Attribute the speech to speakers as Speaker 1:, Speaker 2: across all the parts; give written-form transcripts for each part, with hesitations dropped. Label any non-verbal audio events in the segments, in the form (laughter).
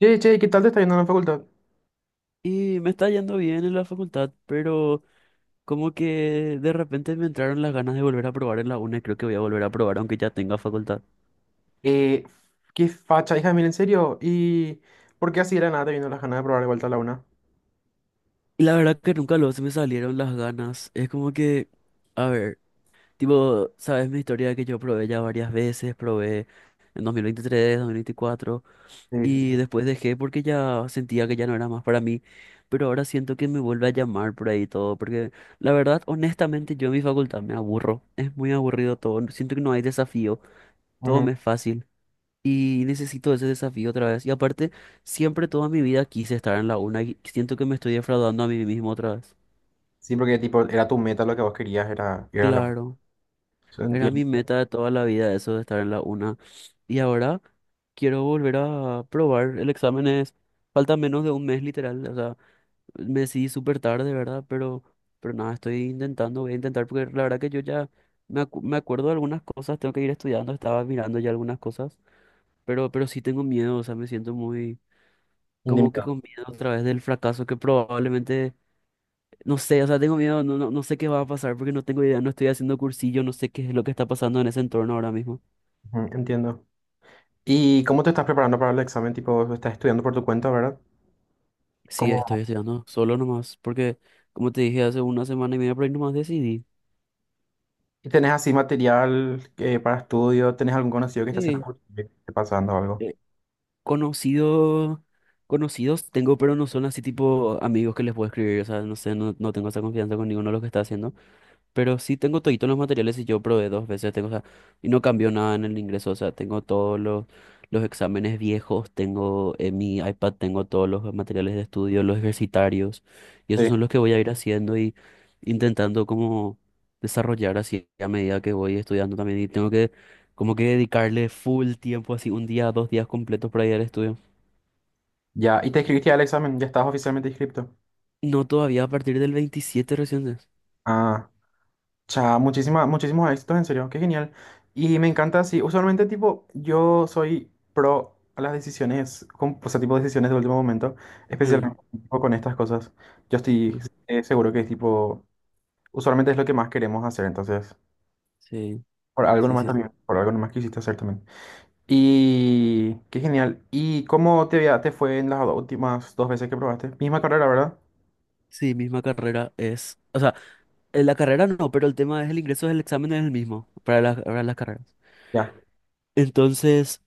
Speaker 1: Che, che, ¿qué tal te está yendo en la facultad?
Speaker 2: Y me está yendo bien en la facultad, pero como que de repente me entraron las ganas de volver a probar en la UNA y creo que voy a volver a probar aunque ya tenga facultad.
Speaker 1: Eh, Qué facha, hija, mira, en serio. ¿Y por qué así era nada te vino las ganas de probar de vuelta a la una?
Speaker 2: Y la verdad que nunca luego se me salieron las ganas. Es como que, a ver, tipo, sabes mi historia de que yo probé ya varias veces, probé en 2023, 2024
Speaker 1: Sí, sí,
Speaker 2: y
Speaker 1: sí.
Speaker 2: después dejé porque ya sentía que ya no era más para mí. Pero ahora siento que me vuelve a llamar por ahí todo, porque la verdad, honestamente, yo en mi facultad me aburro. Es muy aburrido todo. Siento que no hay desafío. Todo
Speaker 1: Ujú.
Speaker 2: me es fácil y necesito ese desafío otra vez. Y aparte, siempre toda mi vida quise estar en la una y siento que me estoy defraudando a mí mismo otra vez.
Speaker 1: Sí, porque tipo, era tu meta lo que vos querías, era ir a la una.
Speaker 2: Claro,
Speaker 1: Eso,
Speaker 2: era mi
Speaker 1: entiendo.
Speaker 2: meta de toda la vida eso de estar en la una. Y ahora quiero volver a probar. El examen es, falta menos de un mes literal, o sea, me decidí súper tarde, ¿verdad? Pero nada, estoy intentando, voy a intentar porque la verdad que yo ya... Me acuerdo de algunas cosas, tengo que ir estudiando, estaba mirando ya algunas cosas, pero sí tengo miedo, o sea, me siento muy, como que
Speaker 1: Indemnidad.
Speaker 2: con miedo otra vez del fracaso que probablemente, no sé, o sea, tengo miedo, no, no, no sé qué va a pasar porque no tengo idea, no estoy haciendo cursillo, no sé qué es lo que está pasando en ese entorno ahora mismo.
Speaker 1: Ujú, entiendo. ¿Y cómo te estás preparando para el examen? Tipo, estás estudiando por tu cuenta, ¿verdad?
Speaker 2: Sí,
Speaker 1: ¿Cómo?
Speaker 2: estoy estudiando solo nomás, porque como te dije hace una semana y media por ahí nomás decidí.
Speaker 1: ¿Y tenés así material, para estudio? ¿Tenés algún conocido que está haciendo
Speaker 2: Sí,
Speaker 1: algo? ¿Qué te está pasando o algo?
Speaker 2: eh, conocido, conocidos tengo, pero no son así tipo amigos que les puedo escribir, o sea, no sé, no, no tengo esa confianza con ninguno de los que está haciendo. Pero sí tengo toditos los materiales y yo probé dos veces, tengo, o sea, y no cambió nada en el ingreso, o sea, tengo todos los, exámenes viejos, tengo en mi iPad, tengo todos los materiales de estudio, los ejercitarios, y esos
Speaker 1: Sí.
Speaker 2: son los que voy a ir haciendo y intentando como desarrollar así a medida que voy estudiando también, y tengo que como que dedicarle full tiempo, así un día, dos días completos para ir al estudio.
Speaker 1: Ya, ¿y te inscribiste al examen? ¿Ya estás oficialmente inscrito?
Speaker 2: No todavía a partir del 27 recién es.
Speaker 1: Ah. O sea, muchísimos éxitos, en serio, qué genial. Y me encanta así, usualmente tipo, yo soy pro a las decisiones, o sea, tipo decisiones de último momento,
Speaker 2: Ah,
Speaker 1: especialmente tipo, con estas cosas. Yo estoy,
Speaker 2: ujú.
Speaker 1: seguro que tipo, usualmente es lo que más queremos hacer, entonces,
Speaker 2: Sí,
Speaker 1: por algo
Speaker 2: sí,
Speaker 1: nomás
Speaker 2: sí. Sí,
Speaker 1: también, por algo nomás quisiste hacer también. Y qué genial. ¿Y cómo te, te fue en las últimas dos veces que probaste? Misma carrera, ¿verdad?
Speaker 2: sí, misma carrera es, o sea, en la carrera no, pero el tema es el ingreso del examen es el mismo para las, carreras.
Speaker 1: Ya,
Speaker 2: Entonces,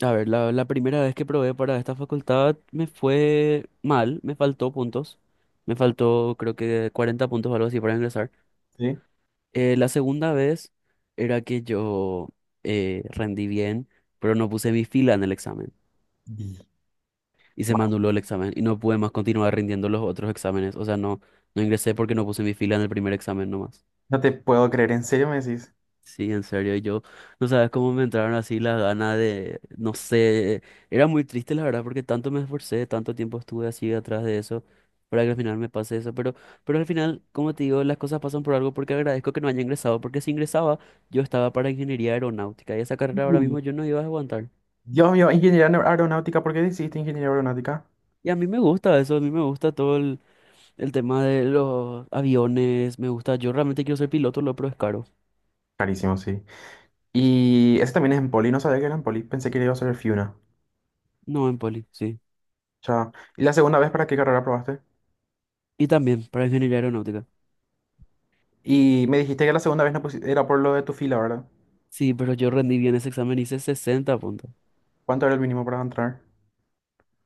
Speaker 2: a ver, la primera vez que probé para esta facultad me fue mal, me faltó puntos. Me faltó creo que 40 puntos o algo así para ingresar.
Speaker 1: sí.
Speaker 2: La segunda vez era que yo rendí bien, pero no puse mi fila en el examen
Speaker 1: Y-
Speaker 2: y se me
Speaker 1: Vale.
Speaker 2: anuló el examen y no pude más continuar rindiendo los otros exámenes. O sea, no, no ingresé porque no puse mi fila en el primer examen nomás.
Speaker 1: No te puedo creer, ¿en serio me decís?
Speaker 2: Sí, en serio, y yo no sabes cómo me entraron así las ganas de, no sé, era muy triste la verdad porque tanto me esforcé, tanto tiempo estuve así atrás de eso para que al final me pase eso, pero al final, como te digo, las cosas pasan por algo porque agradezco que no haya ingresado, porque si ingresaba yo estaba para ingeniería aeronáutica y esa carrera ahora mismo yo no iba a aguantar.
Speaker 1: Dios mío, ingeniería aeronáutica, ¿por qué decidiste ingeniería aeronáutica?
Speaker 2: Y a mí me gusta eso, a mí me gusta todo el tema de los aviones, me gusta, yo realmente quiero ser piloto, lo pero es caro.
Speaker 1: Carísimo, sí. Y ese también es en Poli, no sabía que era en Poli, pensé que iba a ser el Fiuna.
Speaker 2: No, en Poli, sí.
Speaker 1: Chao. ¿Y la segunda vez para qué carrera probaste?
Speaker 2: Y también para ingeniería aeronáutica.
Speaker 1: Y me dijiste que la segunda vez no era por lo de tu fila, ¿verdad?
Speaker 2: Sí, pero yo rendí bien ese examen, hice 60 puntos.
Speaker 1: ¿Cuánto era el mínimo para entrar?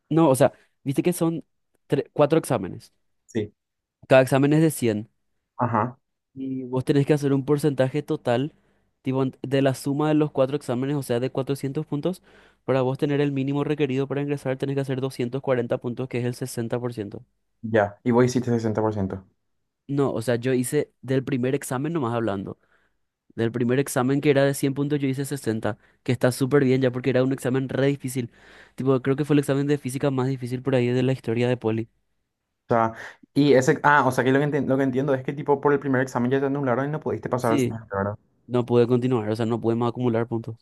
Speaker 2: No, o sea, viste que son cuatro exámenes.
Speaker 1: Sí.
Speaker 2: Cada examen es de 100.
Speaker 1: Ajá,
Speaker 2: Y vos tenés que hacer un porcentaje total, tipo, de la suma de los 4 exámenes, o sea, de 400 puntos. Para vos tener el mínimo requerido para ingresar, tenés que hacer 240 puntos, que es el 60%.
Speaker 1: ya. Y vos hiciste 60%.
Speaker 2: No, o sea, yo hice del primer examen, nomás hablando. Del primer examen que era de 100 puntos, yo hice 60, que está súper bien ya porque era un examen re difícil. Tipo, creo que fue el examen de física más difícil por ahí de la historia de Poli.
Speaker 1: O sea, y ese, ah, o sea que lo que, lo que entiendo es que tipo por el primer examen ya te anularon y no pudiste pasar al
Speaker 2: Sí,
Speaker 1: siguiente,
Speaker 2: no pude continuar, o sea, no pude más acumular puntos.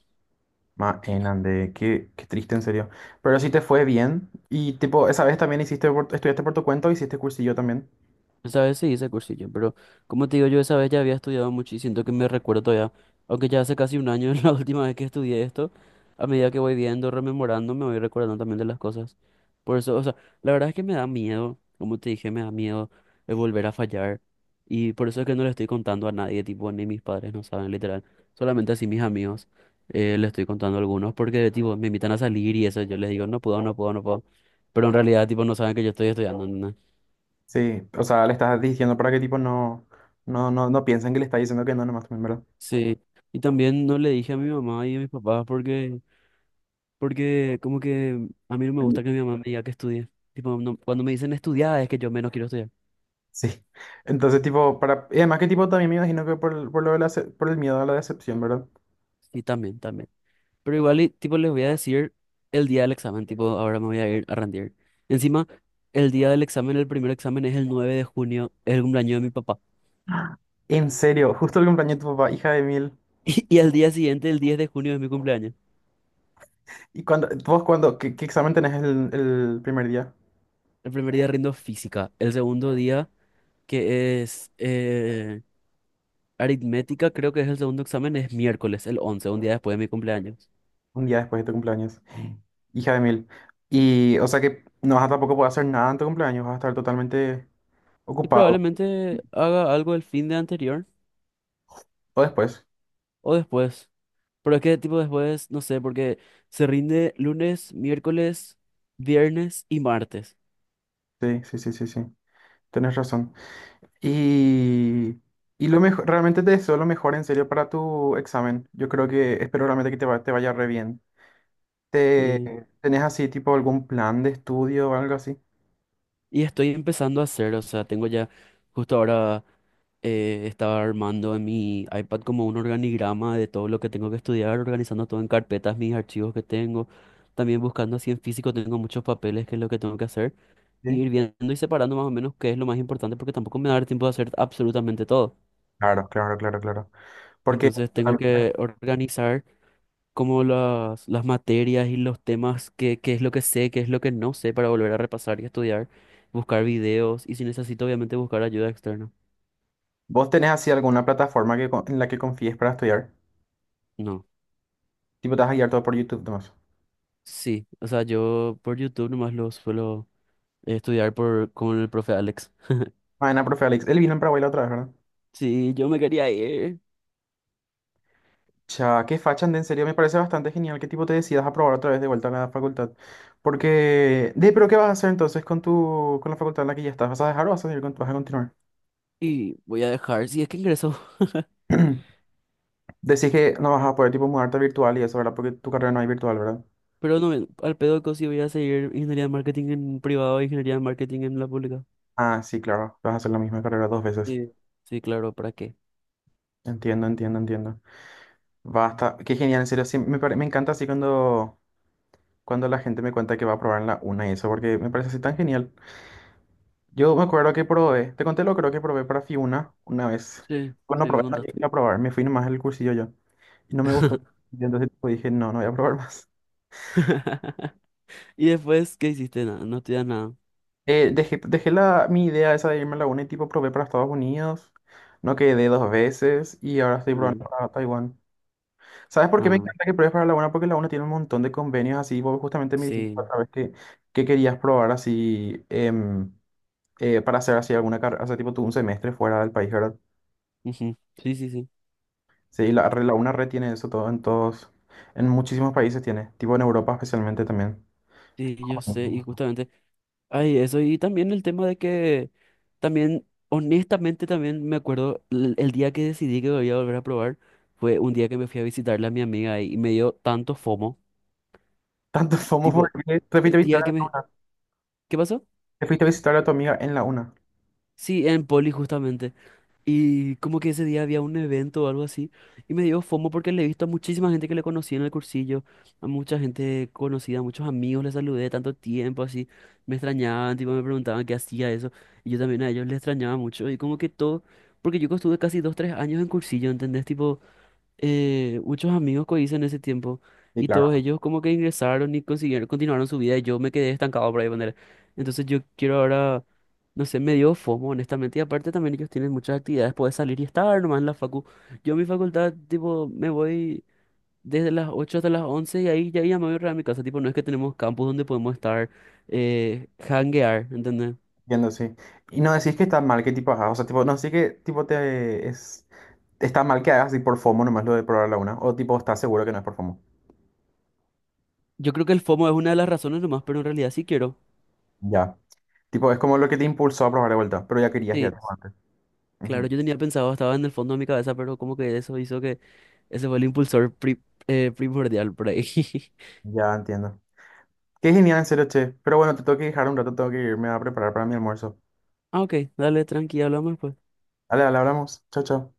Speaker 1: ma Mainande, qué, qué triste en serio. Pero sí te fue bien. Y tipo, esa vez también hiciste estudiaste por tu cuenta o hiciste cursillo también.
Speaker 2: Esa vez sí hice cursillo, pero como te digo, yo esa vez ya había estudiado mucho y siento que me recuerdo todavía, aunque ya hace casi un año (laughs) la última vez que estudié esto, a medida que voy viendo, rememorando, me voy recordando también de las cosas. Por eso, o sea, la verdad es que me da miedo, como te dije, me da miedo de volver a fallar y por eso es que no le estoy contando a nadie, tipo, ni mis padres no saben, literal, solamente así mis amigos le estoy contando a algunos porque, tipo, me invitan a salir y eso, yo les digo, no puedo, no puedo, no puedo, pero en realidad, tipo, no saben que yo estoy estudiando, ¿no?
Speaker 1: Sí, o sea, le estás diciendo para que tipo no, no, no, no piensen que le estás diciendo que no, nomás también, ¿verdad?
Speaker 2: Sí, y también no le dije a mi mamá y a mis papás porque, porque como que a mí no me
Speaker 1: Mm.
Speaker 2: gusta que mi mamá me diga que estudie. Tipo, cuando me dicen estudiar es que yo menos quiero estudiar.
Speaker 1: Sí. Entonces, tipo, para. Y además que tipo también me imagino que por, por lo de la por el miedo a la decepción, ¿verdad?
Speaker 2: Sí, también, también. Pero igual, y, tipo, les voy a decir el día del examen, tipo, ahora me voy a ir a rendir. Encima, el día del examen, el primer examen es el 9 de junio, es el cumpleaños de mi papá. (laughs)
Speaker 1: En serio, justo el cumpleaños de tu papá, hija de mil.
Speaker 2: Y al día siguiente, el 10 de junio, es mi cumpleaños.
Speaker 1: ¿Y cuando, vos cuando, qué, qué examen tenés el primer día?
Speaker 2: El primer día rindo física, el segundo día, que es... Aritmética creo que es el segundo examen, es miércoles, el 11 un día después de mi cumpleaños.
Speaker 1: Un día después de tu cumpleaños. Hija de mil. Y, o sea que no vas a tampoco poder hacer nada en tu cumpleaños, vas a estar totalmente
Speaker 2: Y
Speaker 1: ocupado.
Speaker 2: probablemente haga algo el fin de anterior
Speaker 1: O después.
Speaker 2: o después. Pero es que tipo después, no sé, porque se rinde lunes, miércoles, viernes y martes.
Speaker 1: Sí, sí, sí, sí, sí. Tienes razón. Y, y lo mejor, realmente te deseo lo mejor en serio para tu examen. Yo creo que, espero realmente que te, te vaya re bien. ¿Te,
Speaker 2: Sí.
Speaker 1: tenés así, tipo, algún plan de estudio o algo así?
Speaker 2: Y estoy empezando a hacer, o sea, tengo ya, justo ahora estaba armando en mi iPad como un organigrama de todo lo que tengo que estudiar, organizando todo en carpetas, mis archivos que tengo. También buscando así en físico, tengo muchos papeles que es lo que tengo que hacer.
Speaker 1: Sí.
Speaker 2: Ir viendo y separando más o menos qué es lo más importante porque tampoco me va a dar tiempo de hacer absolutamente todo.
Speaker 1: Claro, claro, claro, claro. Porque
Speaker 2: Entonces tengo
Speaker 1: realmente,
Speaker 2: que organizar como las, materias y los temas, qué es lo que sé, qué es lo que no sé para volver a repasar y estudiar, buscar videos y si necesito obviamente buscar ayuda externa.
Speaker 1: vos tenés así alguna plataforma que, en la que confíes para estudiar.
Speaker 2: No,
Speaker 1: Tipo, te vas a guiar todo por YouTube, nomás.
Speaker 2: sí, o sea, yo por YouTube nomás lo suelo estudiar por, con el profe Alex. (laughs)
Speaker 1: Mañana, profe Alex. Él vino en Paraguay la otra vez, ¿verdad?
Speaker 2: Sí, yo me quería ir
Speaker 1: Ya, qué facha, Ande, en serio, me parece bastante genial que tipo te decidas a probar otra vez de vuelta a la facultad. Porque, de, pero ¿qué vas a hacer entonces con tu, con la facultad en la que ya estás? ¿Vas a dejar o vas a seguir vas a continuar?
Speaker 2: y voy a dejar, si es que ingreso. (laughs)
Speaker 1: (clears throat) Decís que no vas a poder tipo mudarte virtual y eso, ¿verdad? Porque tu carrera no es virtual, ¿verdad?
Speaker 2: Pero no, al pedo que sí voy a seguir ingeniería de marketing en privado e ingeniería de marketing en la pública.
Speaker 1: Ah, sí, claro, vas a hacer la misma carrera dos veces.
Speaker 2: Sí, sí, claro, ¿para qué?
Speaker 1: Entiendo, entiendo, entiendo. Basta, qué genial, en serio, sí, me, me encanta así cuando, cuando la gente me cuenta que va a probar en la una y eso, porque me parece así tan genial. Yo me acuerdo que probé, te conté lo creo que probé para Fiuna una vez.
Speaker 2: Sí,
Speaker 1: Bueno,
Speaker 2: sí, me
Speaker 1: probé, no
Speaker 2: contaste.
Speaker 1: llegué a probar, me fui nomás al cursillo yo. Y no me gustó. Y entonces tipo, dije, no, no voy a probar (laughs) más.
Speaker 2: (laughs) Y después, ¿qué hiciste? Nada, no estudias nada.
Speaker 1: Dejé la, mi idea esa de irme a la UNA y tipo probé para Estados Unidos. No quedé dos veces y ahora estoy
Speaker 2: Mm.
Speaker 1: probando para Taiwán. ¿Sabes por qué me
Speaker 2: Ah,
Speaker 1: encanta que pruebes para la UNA? Porque la UNA tiene un montón de convenios así. Vos justamente me dijiste
Speaker 2: sí.
Speaker 1: otra vez que querías probar así para hacer así alguna carrera, o sea, tipo tú un semestre fuera del país, ¿verdad?
Speaker 2: Ujú, sí, sí, sí.
Speaker 1: Sí, la, la una red tiene eso todo en todos, en muchísimos países tiene, tipo en Europa especialmente también.
Speaker 2: Sí, yo sé. Y
Speaker 1: (laughs)
Speaker 2: justamente, ay, eso. Y también el tema de que también, honestamente, también me acuerdo el día que decidí que voy a volver a probar fue un día que me fui a visitarle a mi amiga ahí, y me dio tanto FOMO.
Speaker 1: Tanto FOMO
Speaker 2: Tipo,
Speaker 1: porque te fuiste a
Speaker 2: sentía que
Speaker 1: visitar,
Speaker 2: me, ¿qué pasó?
Speaker 1: te fuiste a visitar a tu amiga en la una.
Speaker 2: Sí, en Poli justamente. Y como que ese día había un evento o algo así. Y me dio FOMO porque le he visto a muchísima gente que le conocí en el cursillo. A mucha gente conocida, a muchos amigos le saludé tanto tiempo así. Me extrañaban, tipo me preguntaban qué hacía eso. Y yo también a ellos les extrañaba mucho. Y como que todo... Porque yo estuve casi 2, 3 años en cursillo, ¿entendés? Tipo, muchos amigos que hice en ese tiempo.
Speaker 1: Sí,
Speaker 2: Y
Speaker 1: claro,
Speaker 2: todos ellos como que ingresaron y consiguieron, continuaron su vida. Y yo me quedé estancado por ahí, poner. Entonces yo quiero ahora, no sé, me dio FOMO, honestamente. Y aparte también ellos tienen muchas actividades, puedes salir y estar nomás en la facu. Yo a mi facultad, tipo, me voy desde las 8 hasta las 11 y ahí ya me voy a mi casa. Tipo, no es que tenemos campus donde podemos estar, hanguear, ¿entendés?
Speaker 1: entiendo, sí. Y no decís que está mal, que tipo, ajá, o sea, tipo, no sé que tipo te es está mal que hagas así por FOMO nomás lo de probar la una, o tipo, estás seguro que no es por FOMO.
Speaker 2: Yo creo que el FOMO es una de las razones nomás, pero en realidad sí quiero.
Speaker 1: Ya. Tipo, es como lo que te impulsó a probar de vuelta, pero ya querías ya
Speaker 2: Sí,
Speaker 1: tipo, antes. Ujú,
Speaker 2: claro, yo tenía pensado, estaba en el fondo de mi cabeza, pero como que eso hizo que ese fue el impulsor primordial por ahí. (laughs)
Speaker 1: ya entiendo. Qué genial, en serio, che. Pero bueno, te tengo que dejar un rato, tengo que irme a preparar para mi almuerzo.
Speaker 2: Ah, ok, dale, tranqui, hablamos pues
Speaker 1: Dale, dale, hablamos. Chao, chao.